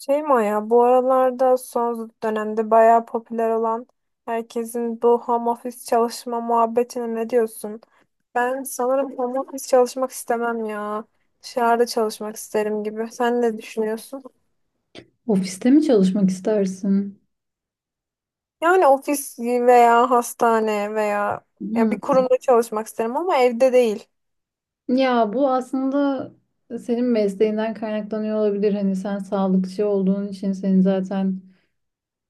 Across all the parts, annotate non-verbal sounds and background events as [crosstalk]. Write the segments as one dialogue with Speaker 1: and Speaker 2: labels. Speaker 1: Şey Maya, bu aralarda son dönemde bayağı popüler olan herkesin bu home office çalışma muhabbetine ne diyorsun? Ben sanırım home office çalışmak istemem ya. Dışarıda çalışmak isterim gibi. Sen ne düşünüyorsun?
Speaker 2: Ofiste mi çalışmak istersin?
Speaker 1: Yani ofis veya hastane veya ya
Speaker 2: Hı.
Speaker 1: bir kurumda çalışmak isterim ama evde değil.
Speaker 2: Ya bu aslında senin mesleğinden kaynaklanıyor olabilir. Hani sen sağlıkçı olduğun için senin zaten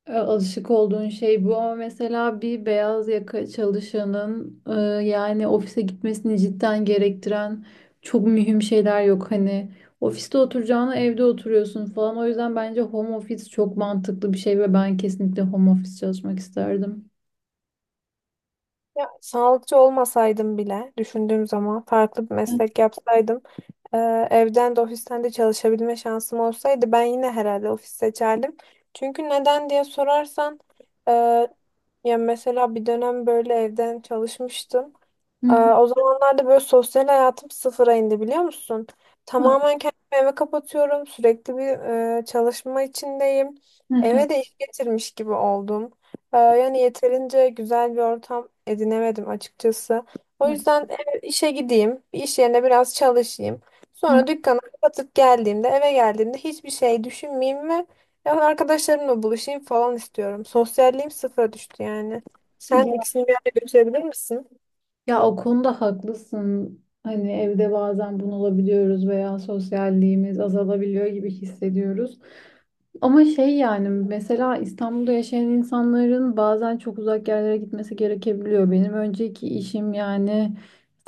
Speaker 2: alışık olduğun şey bu. Ama mesela bir beyaz yaka çalışanın yani ofise gitmesini cidden gerektiren çok mühim şeyler yok. Hani ofiste oturacağına evde oturuyorsun falan. O yüzden bence home office çok mantıklı bir şey ve ben kesinlikle home office çalışmak isterdim.
Speaker 1: Ya, sağlıkçı olmasaydım bile düşündüğüm zaman farklı bir
Speaker 2: Hı
Speaker 1: meslek yapsaydım e, evden de ofisten de çalışabilme şansım olsaydı ben yine herhalde ofis seçerdim. Çünkü neden diye sorarsan e, ya mesela bir dönem böyle evden çalışmıştım. Ee,
Speaker 2: hı.
Speaker 1: o zamanlarda böyle sosyal hayatım sıfıra indi biliyor musun? Tamamen kendimi eve kapatıyorum. Sürekli bir çalışma içindeyim.
Speaker 2: Hı hı.
Speaker 1: Eve de iş getirmiş gibi oldum. Yani yeterince güzel bir ortam edinemedim açıkçası. O
Speaker 2: Hı
Speaker 1: yüzden işe gideyim. Bir iş yerine biraz çalışayım. Sonra dükkanı kapatıp geldiğimde eve geldiğimde hiçbir şey düşünmeyeyim ve yani arkadaşlarımla buluşayım falan istiyorum. Sosyalliğim sıfıra düştü yani. Sen
Speaker 2: hı.
Speaker 1: ikisini bir araya götürebilir misin?
Speaker 2: Ya o konuda haklısın. Hani evde bazen bunalabiliyoruz veya sosyalliğimiz azalabiliyor gibi hissediyoruz. Ama şey yani mesela İstanbul'da yaşayan insanların bazen çok uzak yerlere gitmesi gerekebiliyor. Benim önceki işim yani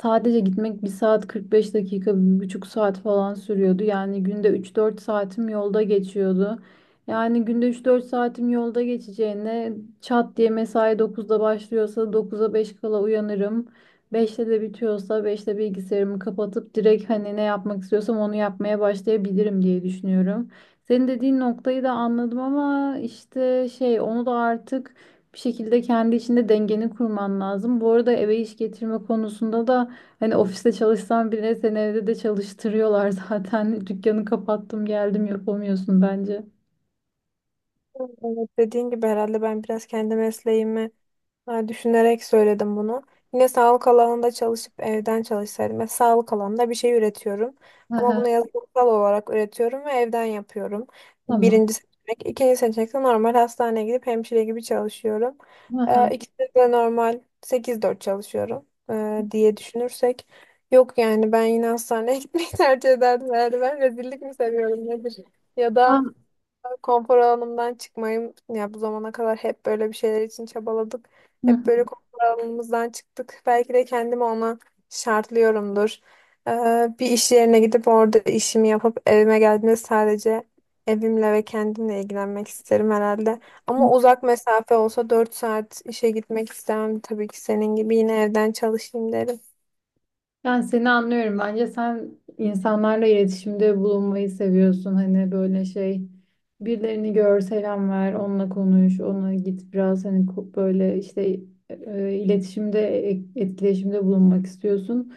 Speaker 2: sadece gitmek bir saat 45 dakika, bir buçuk saat falan sürüyordu. Yani günde 3-4 saatim yolda geçiyordu. Yani günde üç dört saatim yolda geçeceğine çat diye mesai 9'da başlıyorsa 9'a 5 kala uyanırım. 5'te de bitiyorsa 5'te bilgisayarımı kapatıp direkt hani ne yapmak istiyorsam onu yapmaya başlayabilirim diye düşünüyorum. Senin dediğin noktayı da anladım ama işte şey onu da artık bir şekilde kendi içinde dengeni kurman lazım. Bu arada eve iş getirme konusunda da hani ofiste çalışsan bile seni evde de çalıştırıyorlar zaten. [laughs] Dükkanı kapattım geldim yapamıyorsun bence.
Speaker 1: Evet, dediğin gibi herhalde ben biraz kendi mesleğimi, ha, düşünerek söyledim bunu. Yine sağlık alanında çalışıp evden çalışsaydım. Mesela sağlık alanında bir şey üretiyorum. Ama
Speaker 2: Aha,
Speaker 1: bunu yazılımsal olarak üretiyorum ve evden yapıyorum.
Speaker 2: tamam.
Speaker 1: Birinci seçenek. İkinci seçenek de normal hastaneye gidip hemşire gibi çalışıyorum.
Speaker 2: Aha.
Speaker 1: İkisi de normal sekiz dört çalışıyorum diye düşünürsek. Yok yani ben yine hastaneye [laughs] gitmeyi tercih ederdim herhalde. Ben rezillik mi seviyorum nedir? Ya da
Speaker 2: Ben-
Speaker 1: konfor alanımdan çıkmayım. Ya bu zamana kadar hep böyle bir şeyler için çabaladık.
Speaker 2: Hı
Speaker 1: Hep böyle
Speaker 2: hı.
Speaker 1: konfor alanımızdan çıktık. Belki de kendimi ona şartlıyorumdur. Ee, bir iş yerine gidip orada işimi yapıp evime geldiğimde sadece evimle ve kendimle ilgilenmek isterim herhalde. Ama uzak mesafe olsa 4 saat işe gitmek istemem. Tabii ki senin gibi yine evden çalışayım derim.
Speaker 2: Yani seni anlıyorum. Bence sen insanlarla iletişimde bulunmayı seviyorsun. Hani böyle şey birilerini gör, selam ver, onunla konuş, ona git biraz hani böyle işte e, e, iletişimde, etkileşimde bulunmak istiyorsun.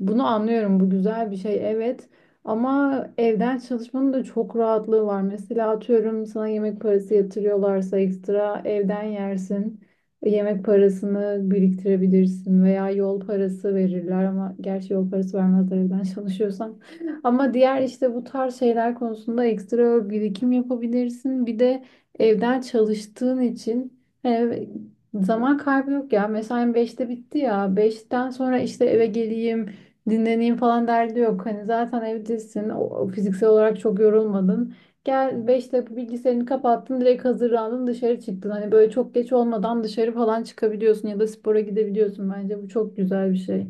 Speaker 2: Bunu anlıyorum. Bu güzel bir şey. Evet. Ama evden çalışmanın da çok rahatlığı var. Mesela atıyorum sana yemek parası yatırıyorlarsa ekstra evden yersin. Yemek parasını biriktirebilirsin veya yol parası verirler ama gerçi yol parası vermezler evden çalışıyorsan. [laughs] Ama diğer işte bu tarz şeyler konusunda ekstra birikim yapabilirsin. Bir de evden çalıştığın için hani zaman kaybı yok ya. Mesain 5'te bitti ya. 5'ten sonra işte eve geleyim. Dinleneyim falan derdi yok. Hani zaten evdesin. O fiziksel olarak çok yorulmadın. Gel 5 dakika bilgisayarını kapattın. Direkt hazırlandın dışarı çıktın. Hani böyle çok geç olmadan dışarı falan çıkabiliyorsun ya da spora gidebiliyorsun bence. Bu çok güzel bir şey.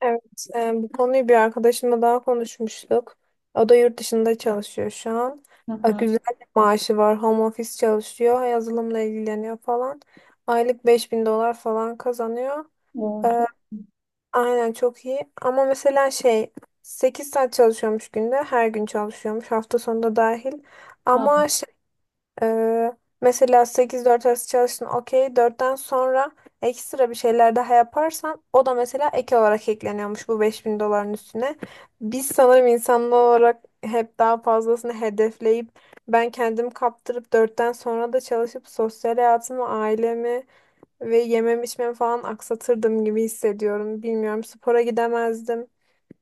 Speaker 1: Evet, bu konuyu bir arkadaşımla daha konuşmuştuk. O da yurt dışında çalışıyor şu an.
Speaker 2: Hı
Speaker 1: E,
Speaker 2: hı.
Speaker 1: güzel bir maaşı var, home office çalışıyor, yazılımla ilgileniyor falan. Aylık 5000 dolar falan kazanıyor.
Speaker 2: O
Speaker 1: E,
Speaker 2: çok.
Speaker 1: aynen çok iyi. Ama mesela şey, 8 saat çalışıyormuş günde, her gün çalışıyormuş, hafta sonunda dahil. Ama ee, mesela 8-4 arası çalıştın okey. 4'ten sonra ekstra bir şeyler daha yaparsan o da mesela ek olarak ekleniyormuş bu 5.000 doların üstüne. Biz sanırım insanlar olarak hep daha fazlasını hedefleyip ben kendim kaptırıp dörtten sonra da çalışıp sosyal hayatımı, ailemi ve yemem içmem falan aksatırdım gibi hissediyorum. Bilmiyorum spora gidemezdim.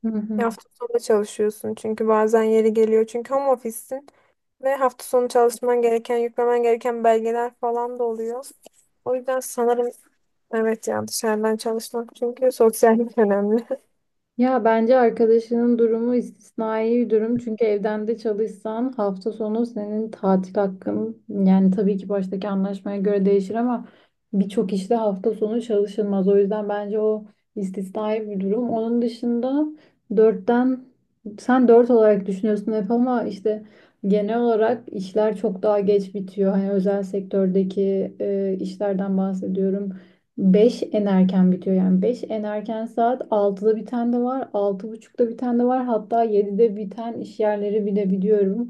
Speaker 2: Hı
Speaker 1: Ya,
Speaker 2: hı.
Speaker 1: hafta sonu çalışıyorsun çünkü bazen yeri geliyor. Çünkü home office'sin ve hafta sonu çalışman gereken, yüklemen gereken belgeler falan da oluyor. O yüzden sanırım evet ya dışarıdan çalışmak çünkü sosyallik önemli. [laughs]
Speaker 2: Ya bence arkadaşının durumu istisnai bir durum. Çünkü evden de çalışsan hafta sonu senin tatil hakkın yani tabii ki baştaki anlaşmaya göre değişir ama birçok işte hafta sonu çalışılmaz. O yüzden bence o istisnai bir durum. Onun dışında dörtten sen dört olarak düşünüyorsun hep ama işte genel olarak işler çok daha geç bitiyor. Hani özel sektördeki işlerden bahsediyorum. 5 en erken bitiyor, yani 5 en erken. Saat 6'da biten de var, 6:30'da biten de var, hatta 7'de biten iş yerleri bile biliyorum.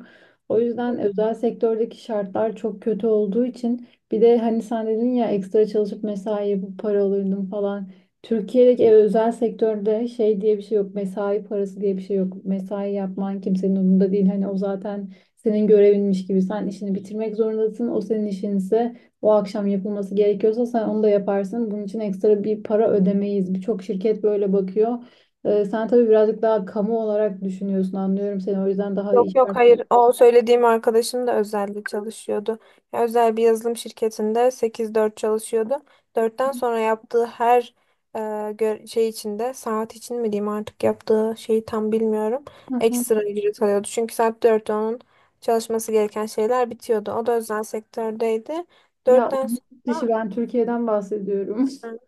Speaker 2: O yüzden özel sektördeki şartlar çok kötü olduğu için bir de hani sen dedin ya ekstra çalışıp mesai yapıp para alırdım falan. Türkiye'deki özel sektörde şey diye bir şey yok, mesai parası diye bir şey yok. Mesai yapman kimsenin umurunda değil, hani o zaten senin görevinmiş gibi sen işini bitirmek zorundasın. O senin işinse o akşam yapılması gerekiyorsa sen onu da yaparsın. Bunun için ekstra bir para ödemeyiz. Birçok şirket böyle bakıyor. Sen tabii birazcık daha kamu olarak düşünüyorsun, anlıyorum seni. O yüzden daha iyi
Speaker 1: Yok yok
Speaker 2: işler.
Speaker 1: hayır, o söylediğim arkadaşım da özelde çalışıyordu. Ya, özel bir yazılım şirketinde sekiz dört çalışıyordu. Dörtten sonra yaptığı her şey içinde saat için mi diyeyim artık yaptığı şeyi tam bilmiyorum.
Speaker 2: Hı hı.
Speaker 1: Ekstra ücret alıyordu. Çünkü saat dörtte onun çalışması gereken şeyler bitiyordu. O da özel sektördeydi.
Speaker 2: Ya o
Speaker 1: Dörtten
Speaker 2: yurt
Speaker 1: sonra,
Speaker 2: dışı, ben Türkiye'den bahsediyorum.
Speaker 1: hı,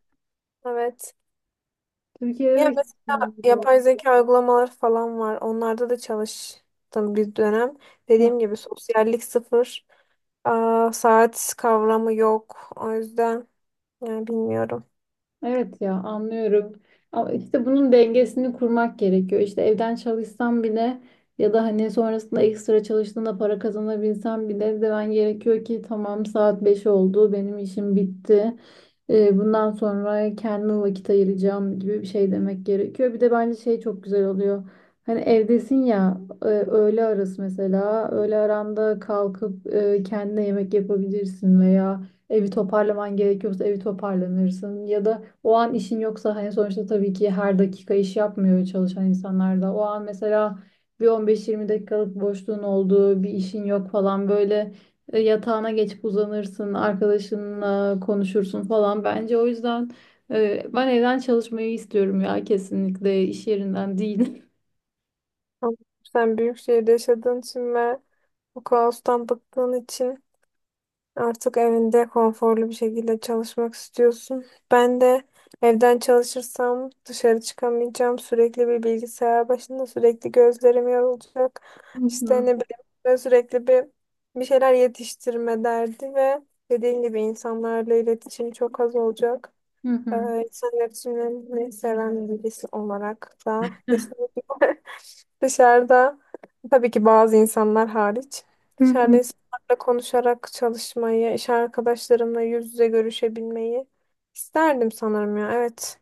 Speaker 1: evet.
Speaker 2: [laughs] Türkiye'de de
Speaker 1: Ya
Speaker 2: hiç
Speaker 1: mesela
Speaker 2: olmuyor.
Speaker 1: yapay zeka uygulamaları falan var. Onlarda da çalıştım bir dönem. Dediğim gibi sosyallik sıfır. Saat kavramı yok. O yüzden yani bilmiyorum.
Speaker 2: Evet ya, anlıyorum. Ama işte bunun dengesini kurmak gerekiyor. İşte evden çalışsam bile ya da hani sonrasında ekstra çalıştığında para kazanabilsem bile demen gerekiyor ki tamam, saat 5 oldu, benim işim bitti. Bundan sonra kendime vakit ayıracağım gibi bir şey demek gerekiyor. Bir de bence şey çok güzel oluyor. Hani evdesin ya, öğle arası mesela öğle aranda kalkıp kendine yemek yapabilirsin veya evi toparlaman gerekiyorsa evi toparlanırsın ya da o an işin yoksa, hani sonuçta tabii ki her dakika iş yapmıyor çalışan insanlar da. O an mesela bir 15-20 dakikalık boşluğun olduğu bir işin yok falan, böyle yatağına geçip uzanırsın, arkadaşınla konuşursun falan. Bence o yüzden ben evden çalışmayı istiyorum ya, kesinlikle iş yerinden değil.
Speaker 1: Ama sen büyük şehirde yaşadığın için ve bu kaostan bıktığın için artık evinde konforlu bir şekilde çalışmak istiyorsun. Ben de evden çalışırsam dışarı çıkamayacağım. Sürekli bir bilgisayar başında sürekli gözlerim yorulacak.
Speaker 2: [laughs] Hı
Speaker 1: İşte ne
Speaker 2: hı.
Speaker 1: bileyim böyle sürekli bir şeyler yetiştirme derdi ve dediğim gibi insanlarla iletişim çok az olacak.
Speaker 2: Hı
Speaker 1: Ee,
Speaker 2: hı.
Speaker 1: insan iletişimini seven birisi olarak da kesinlikle [laughs] dışarıda tabii ki bazı insanlar hariç
Speaker 2: Hı
Speaker 1: dışarıda
Speaker 2: hı.
Speaker 1: insanlarla konuşarak çalışmayı, iş arkadaşlarımla yüz yüze görüşebilmeyi isterdim sanırım ya. Evet.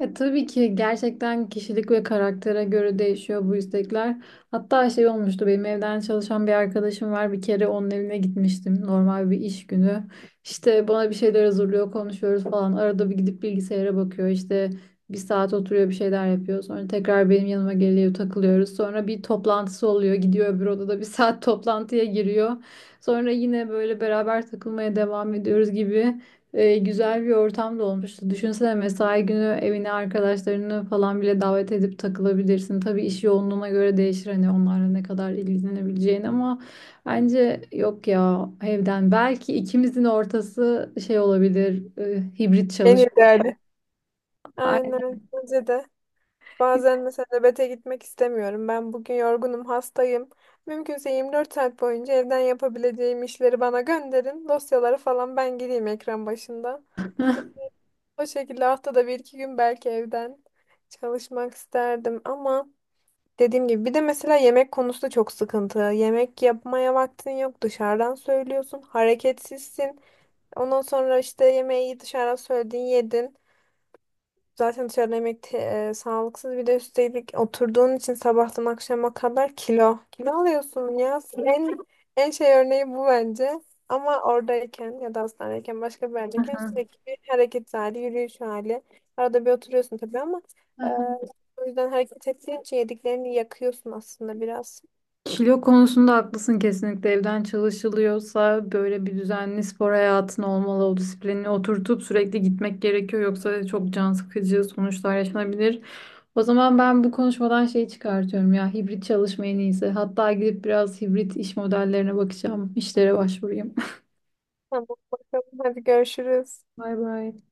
Speaker 2: Tabii ki gerçekten kişilik ve karaktere göre değişiyor bu istekler. Hatta şey olmuştu, benim evden çalışan bir arkadaşım var. Bir kere onun evine gitmiştim normal bir iş günü. İşte bana bir şeyler hazırlıyor, konuşuyoruz falan. Arada bir gidip bilgisayara bakıyor. İşte bir saat oturuyor bir şeyler yapıyor. Sonra tekrar benim yanıma geliyor, takılıyoruz. Sonra bir toplantısı oluyor. Gidiyor öbür odada bir [laughs] saat toplantıya giriyor. Sonra yine böyle beraber takılmaya devam ediyoruz gibi güzel bir ortam da olmuştu. Düşünsene, mesai günü evine arkadaşlarını falan bile davet edip takılabilirsin. Tabii iş yoğunluğuna göre değişir hani onlarla ne kadar ilgilenebileceğin, ama bence yok ya, evden. Belki ikimizin ortası şey olabilir, hibrit
Speaker 1: En
Speaker 2: çalışma.
Speaker 1: ideali.
Speaker 2: Aynen.
Speaker 1: Aynen. Bence de. Bazen mesela nöbete gitmek istemiyorum. Ben bugün yorgunum, hastayım. Mümkünse 24 saat boyunca evden yapabileceğim işleri bana gönderin. Dosyaları falan ben gideyim ekran başında. O şekilde haftada bir iki gün belki evden çalışmak isterdim ama dediğim gibi bir de mesela yemek konusu da çok sıkıntı. Yemek yapmaya vaktin yok dışarıdan söylüyorsun hareketsizsin. Ondan sonra işte yemeği dışarıdan söyledin yedin. Zaten dışarıda yemek sağlıksız bir de üstelik oturduğun için sabahtan akşama kadar kilo. Kilo alıyorsun ya. En şey örneği bu bence. Ama oradayken ya da hastanedeyken başka bir yerdeyken sürekli bir hareket hali, yürüyüş hali. Arada bir oturuyorsun tabii ama e,
Speaker 2: [laughs]
Speaker 1: o yüzden hareket ettiğin için yediklerini yakıyorsun aslında biraz.
Speaker 2: Kilo konusunda haklısın, kesinlikle evden çalışılıyorsa böyle bir düzenli spor hayatın olmalı, o disiplinini oturtup sürekli gitmek gerekiyor yoksa çok can sıkıcı sonuçlar yaşanabilir. O zaman ben bu konuşmadan şeyi çıkartıyorum ya, hibrit çalışma en iyisi, hatta gidip biraz hibrit iş modellerine bakacağım, işlere başvurayım.
Speaker 1: Tamam, bakalım, hadi görüşürüz.
Speaker 2: [laughs] Bay bay.